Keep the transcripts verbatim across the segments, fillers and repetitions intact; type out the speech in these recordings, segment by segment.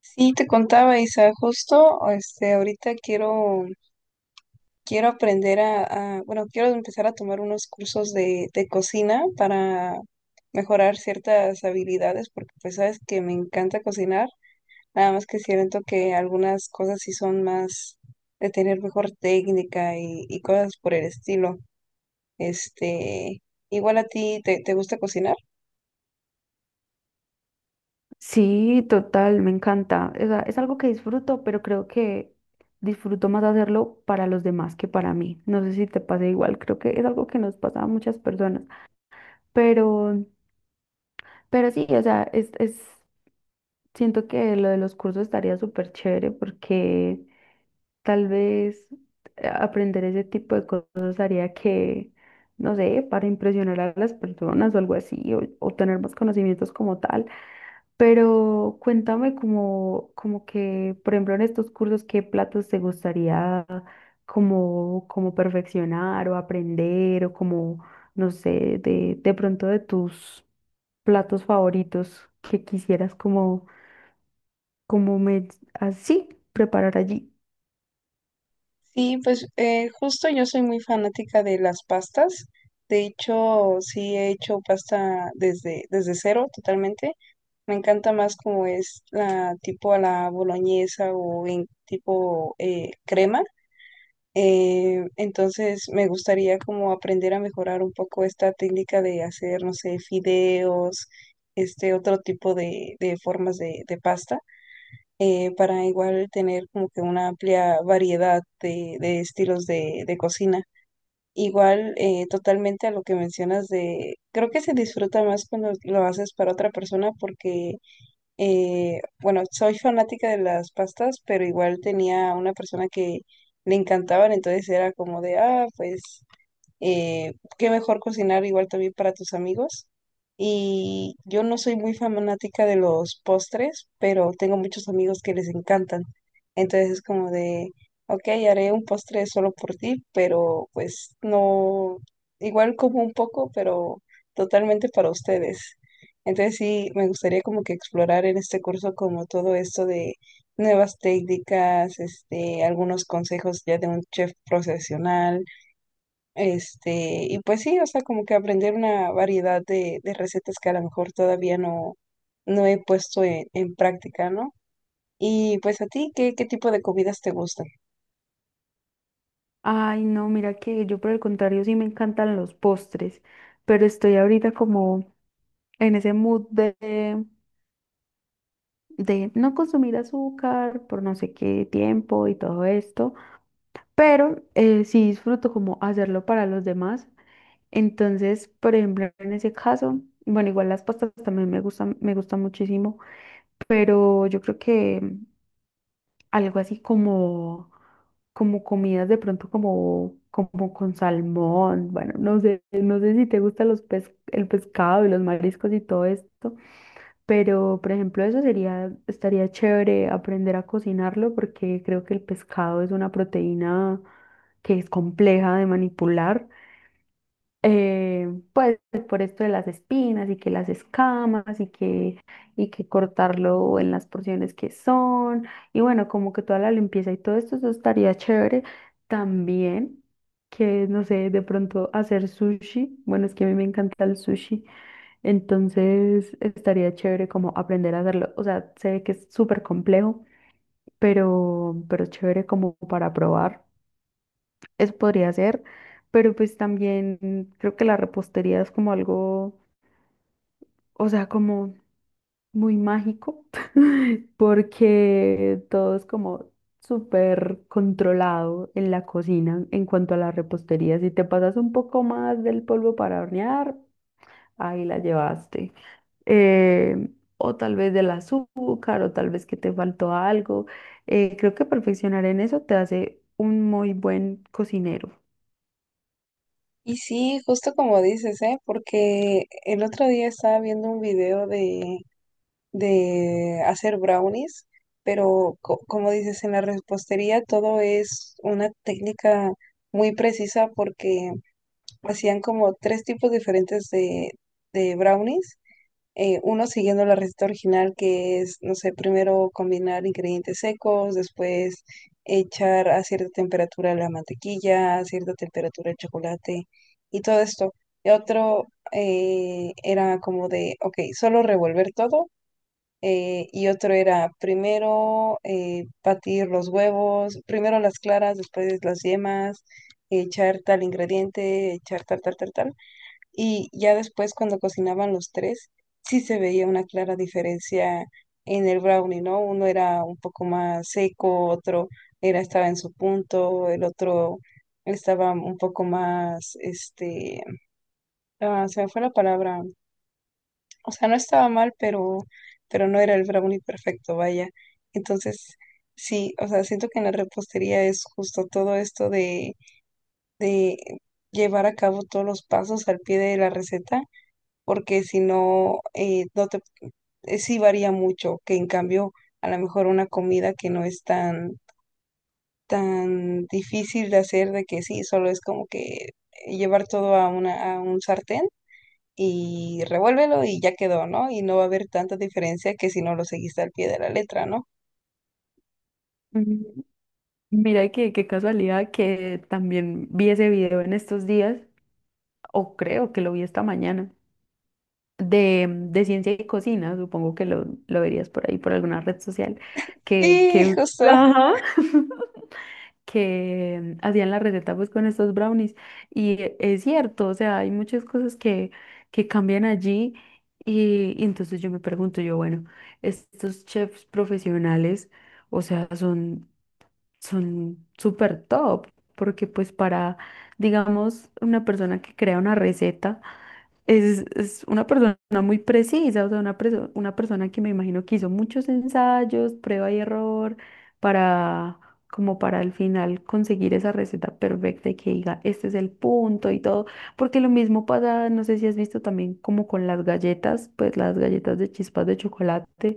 Sí, te contaba, Isa, justo, este, ahorita quiero, quiero aprender a, a- bueno, quiero empezar a tomar unos cursos de, de cocina para mejorar ciertas habilidades, porque pues sabes que me encanta cocinar, nada más que siento que algunas cosas sí son más de tener mejor técnica y, y cosas por el estilo. Este, igual a ti, ¿te, te gusta cocinar? Sí, total, me encanta. O sea, es algo que disfruto, pero creo que disfruto más hacerlo para los demás que para mí. No sé si te pasa igual, creo que es algo que nos pasa a muchas personas. Pero, pero sí, o sea, es, es, siento que lo de los cursos estaría súper chévere porque tal vez eh, aprender ese tipo de cosas haría que, no sé, para impresionar a las personas o algo así, o, o tener más conocimientos como tal. Pero cuéntame como, como que, por ejemplo, en estos cursos, ¿qué platos te gustaría como, como perfeccionar o aprender o como, no sé, de, de pronto de tus platos favoritos que quisieras como, como me, así preparar allí? Sí, pues eh, justo yo soy muy fanática de las pastas. De hecho, sí he hecho pasta desde, desde cero totalmente. Me encanta más como es la tipo a la boloñesa o en tipo eh, crema. Eh, entonces me gustaría como aprender a mejorar un poco esta técnica de hacer, no sé, fideos, este otro tipo de, de formas de de pasta eh, para igual tener como que una amplia variedad de, de estilos de, de cocina. Igual, eh, totalmente a lo que mencionas de, creo que se disfruta más cuando lo haces para otra persona porque, eh, bueno, soy fanática de las pastas, pero igual tenía una persona que le encantaban, entonces era como de, ah, pues eh, qué mejor cocinar igual también para tus amigos. Y yo no soy muy fanática de los postres, pero tengo muchos amigos que les encantan. Entonces es como de, ok, haré un postre solo por ti, pero pues no, igual como un poco, pero totalmente para ustedes. Entonces sí, me gustaría como que explorar en este curso como todo esto de nuevas técnicas, este, algunos consejos ya de un chef profesional este, y pues sí, o sea, como que aprender una variedad de, de recetas que a lo mejor todavía no, no he puesto en, en práctica, ¿no? Y pues a ti, ¿qué, qué tipo de comidas te gustan? Ay, no, mira que yo por el contrario sí me encantan los postres, pero estoy ahorita como en ese mood de de no consumir azúcar por no sé qué tiempo y todo esto, pero eh, sí disfruto como hacerlo para los demás. Entonces, por ejemplo, en ese caso, bueno, igual las pastas también me gustan, me gustan muchísimo, pero yo creo que mm, algo así como, como comidas de pronto como, como con salmón, bueno, no sé, no sé si te gusta los pes- el pescado y los mariscos y todo esto. Pero, por ejemplo, eso sería, estaría chévere aprender a cocinarlo porque creo que el pescado es una proteína que es compleja de manipular. eh, pues por esto de las espinas y que las escamas y que, y que cortarlo en las porciones que son. Y bueno, como que toda la limpieza y todo esto, eso estaría chévere. También que, no sé, de pronto hacer sushi. Bueno, es que a mí me encanta el sushi. Entonces estaría chévere como aprender a hacerlo. O sea, sé que es súper complejo, pero, pero es chévere como para probar. Eso podría ser, pero pues también creo que la repostería es como algo, o sea, como muy mágico, porque todo es como súper controlado en la cocina en cuanto a la repostería. Si te pasas un poco más del polvo para hornear, ahí la llevaste. eh, o tal vez del azúcar, o tal vez que te faltó algo. Eh, creo que perfeccionar en eso te hace un muy buen cocinero. Y sí, justo como dices, ¿eh? Porque el otro día estaba viendo un video de, de hacer brownies, pero co- como dices, en la repostería todo es una técnica muy precisa porque hacían como tres tipos diferentes de, de brownies eh, uno siguiendo la receta original, que es, no sé, primero combinar ingredientes secos, después echar a cierta temperatura la mantequilla, a cierta temperatura el chocolate y todo esto. Y otro eh, era como de, ok, solo revolver todo. eh, y otro era primero eh, batir los huevos, primero las claras, después las yemas, echar tal ingrediente, echar tal, tal, tal, tal. Y ya después, cuando cocinaban los tres, sí se veía una clara diferencia en el brownie, ¿no? Uno era un poco más seco, otro era, estaba en su punto, el otro estaba un poco más, este, ah, se me fue la palabra. O sea, no estaba mal, pero, pero no era el brownie perfecto, vaya. Entonces, sí, o sea, siento que en la repostería es justo todo esto de, de llevar a cabo todos los pasos al pie de la receta porque si no, eh, no te, eh, sí varía mucho, que en cambio a lo mejor una comida que no es tan, tan difícil de hacer, de que sí, solo es como que eh, llevar todo a una, a un sartén y revuélvelo y ya quedó, ¿no? Y no va a haber tanta diferencia que si no lo seguiste al pie de la letra, ¿no? Mm. Mira que qué casualidad que también vi ese video en estos días, o creo que lo vi esta mañana, de, mm, de ciencia y cocina, supongo que lo, lo verías por ahí, por alguna red social, que, Sí, que, justo. ajá. Que hacían la receta pues con estos brownies. Y e- es cierto, o sea, hay muchas cosas que, que cambian allí. Y, y entonces yo me pregunto, yo, bueno, estos chefs profesionales, o sea, son son súper top, porque pues para, digamos, una persona que crea una receta, es, es una persona muy precisa, o sea, una, preso- una persona que me imagino que hizo muchos ensayos, prueba y error, para, como para al final conseguir esa receta perfecta y que diga, este es el punto y todo, porque lo mismo pasa, no sé si has visto también como con las galletas, pues las galletas de chispas de chocolate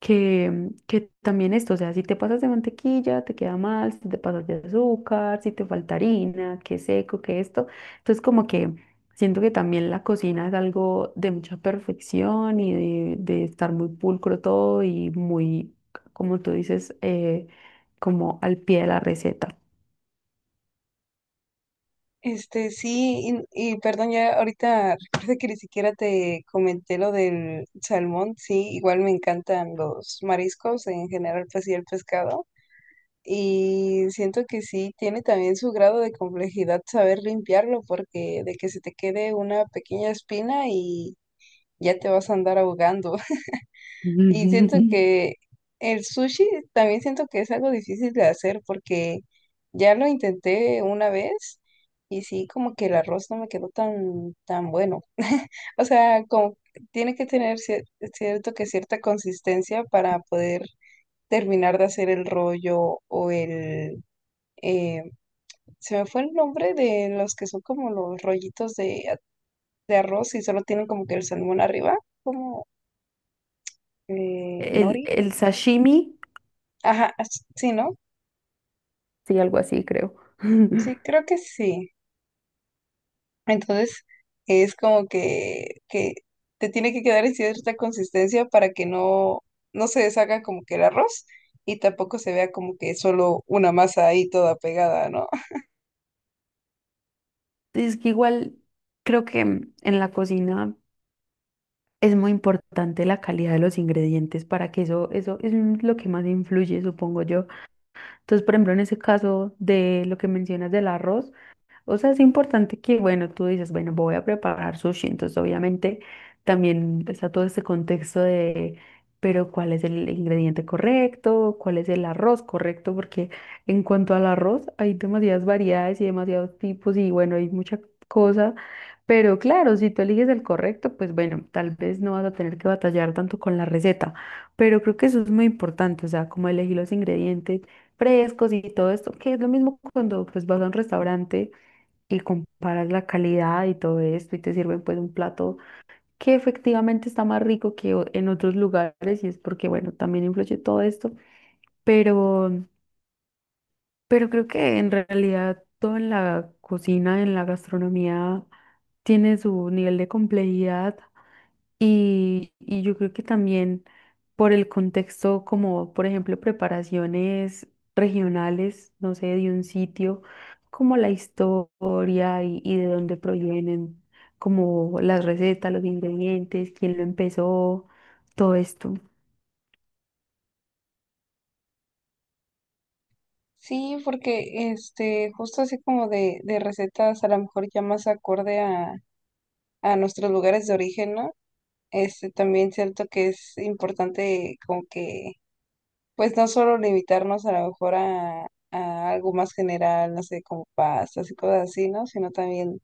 que, que también esto, o sea, si te pasas de mantequilla, te queda mal, si te pasas de azúcar, si te falta harina, que seco, que esto. Entonces, como que siento que también la cocina es algo de mucha perfección y de, de estar muy pulcro todo y muy, como tú dices, eh, como al pie de la receta. Este, sí, y, y perdón, ya ahorita recuerda que ni siquiera te comenté lo del salmón, sí, igual me encantan los mariscos en general, pues sí, el pescado, y siento que sí, tiene también su grado de complejidad saber limpiarlo, porque de que se te quede una pequeña espina y ya te vas a andar ahogando. Y siento Ujú. que el sushi también siento que es algo difícil de hacer porque ya lo intenté una vez y sí, como que el arroz no me quedó tan, tan bueno. O sea, como tiene que tener cier- cierto que cierta consistencia para poder terminar de hacer el rollo o el... eh, se me fue el nombre de los que son como los rollitos de, a- de arroz y solo tienen como que el salmón arriba, como eh, El, nori. el sashimi, Ajá, sí, ¿no? sí, algo así, creo. Sí, creo que sí. Entonces, es como que, que te tiene que quedar en cierta consistencia para que no, no se deshaga como que el arroz y tampoco se vea como que solo una masa ahí toda pegada, ¿no? Es que igual creo que en la cocina. Es muy importante la calidad de los ingredientes para que eso, eso es lo que más influye, supongo yo. Entonces, por ejemplo, en ese caso de lo que mencionas del arroz, o sea, es importante que, bueno, tú dices, bueno, voy a preparar sushi, entonces obviamente también está todo ese contexto de, pero ¿cuál es el ingrediente correcto? ¿Cuál es el arroz correcto? Porque en cuanto al arroz, hay demasiadas variedades y demasiados tipos y bueno, hay mucha cosa, pero claro, si tú eliges el correcto, pues bueno, tal vez no vas a tener que batallar tanto con la receta, pero creo que eso es muy importante, o sea, como elegir los ingredientes frescos y todo esto, que es lo mismo cuando pues vas a un restaurante y comparas la calidad y todo esto y te sirven pues un plato que efectivamente está más rico que o- en otros lugares y es porque bueno, también influye todo esto, pero pero creo que en realidad todo en la cocina, en la gastronomía tiene su nivel de complejidad y, y yo creo que también por el contexto, como por ejemplo preparaciones regionales, no sé, de un sitio, como la historia y, y de dónde provienen, como las recetas, los ingredientes, quién lo empezó, todo esto. Sí, porque este, justo así como de, de recetas, a lo mejor ya más acorde a, a nuestros lugares de origen, ¿no? Este, también siento que es importante como que pues no solo limitarnos a lo mejor a, a algo más general, no sé, como pastas y cosas así, ¿no? Sino también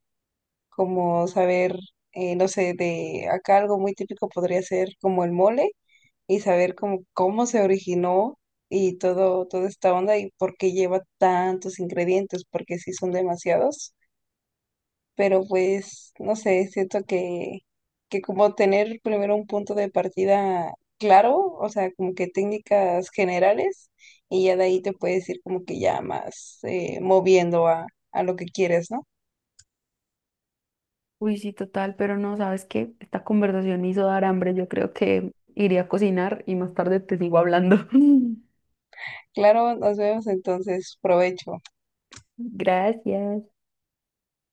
como saber, eh, no sé, de acá algo muy típico podría ser como el mole y saber cómo cómo se originó y todo, toda esta onda y por qué lleva tantos ingredientes, porque sí son demasiados pero pues, no sé, siento que, que como tener primero un punto de partida claro, o sea, como que técnicas generales, y ya de ahí te puedes ir como que ya más eh, moviendo a, a lo que quieres, ¿no? Uy, sí, total, pero no, ¿sabes qué? Esta conversación me hizo dar hambre, yo creo que iré a cocinar y más tarde te sigo hablando. Claro, nos vemos entonces, provecho. Gracias.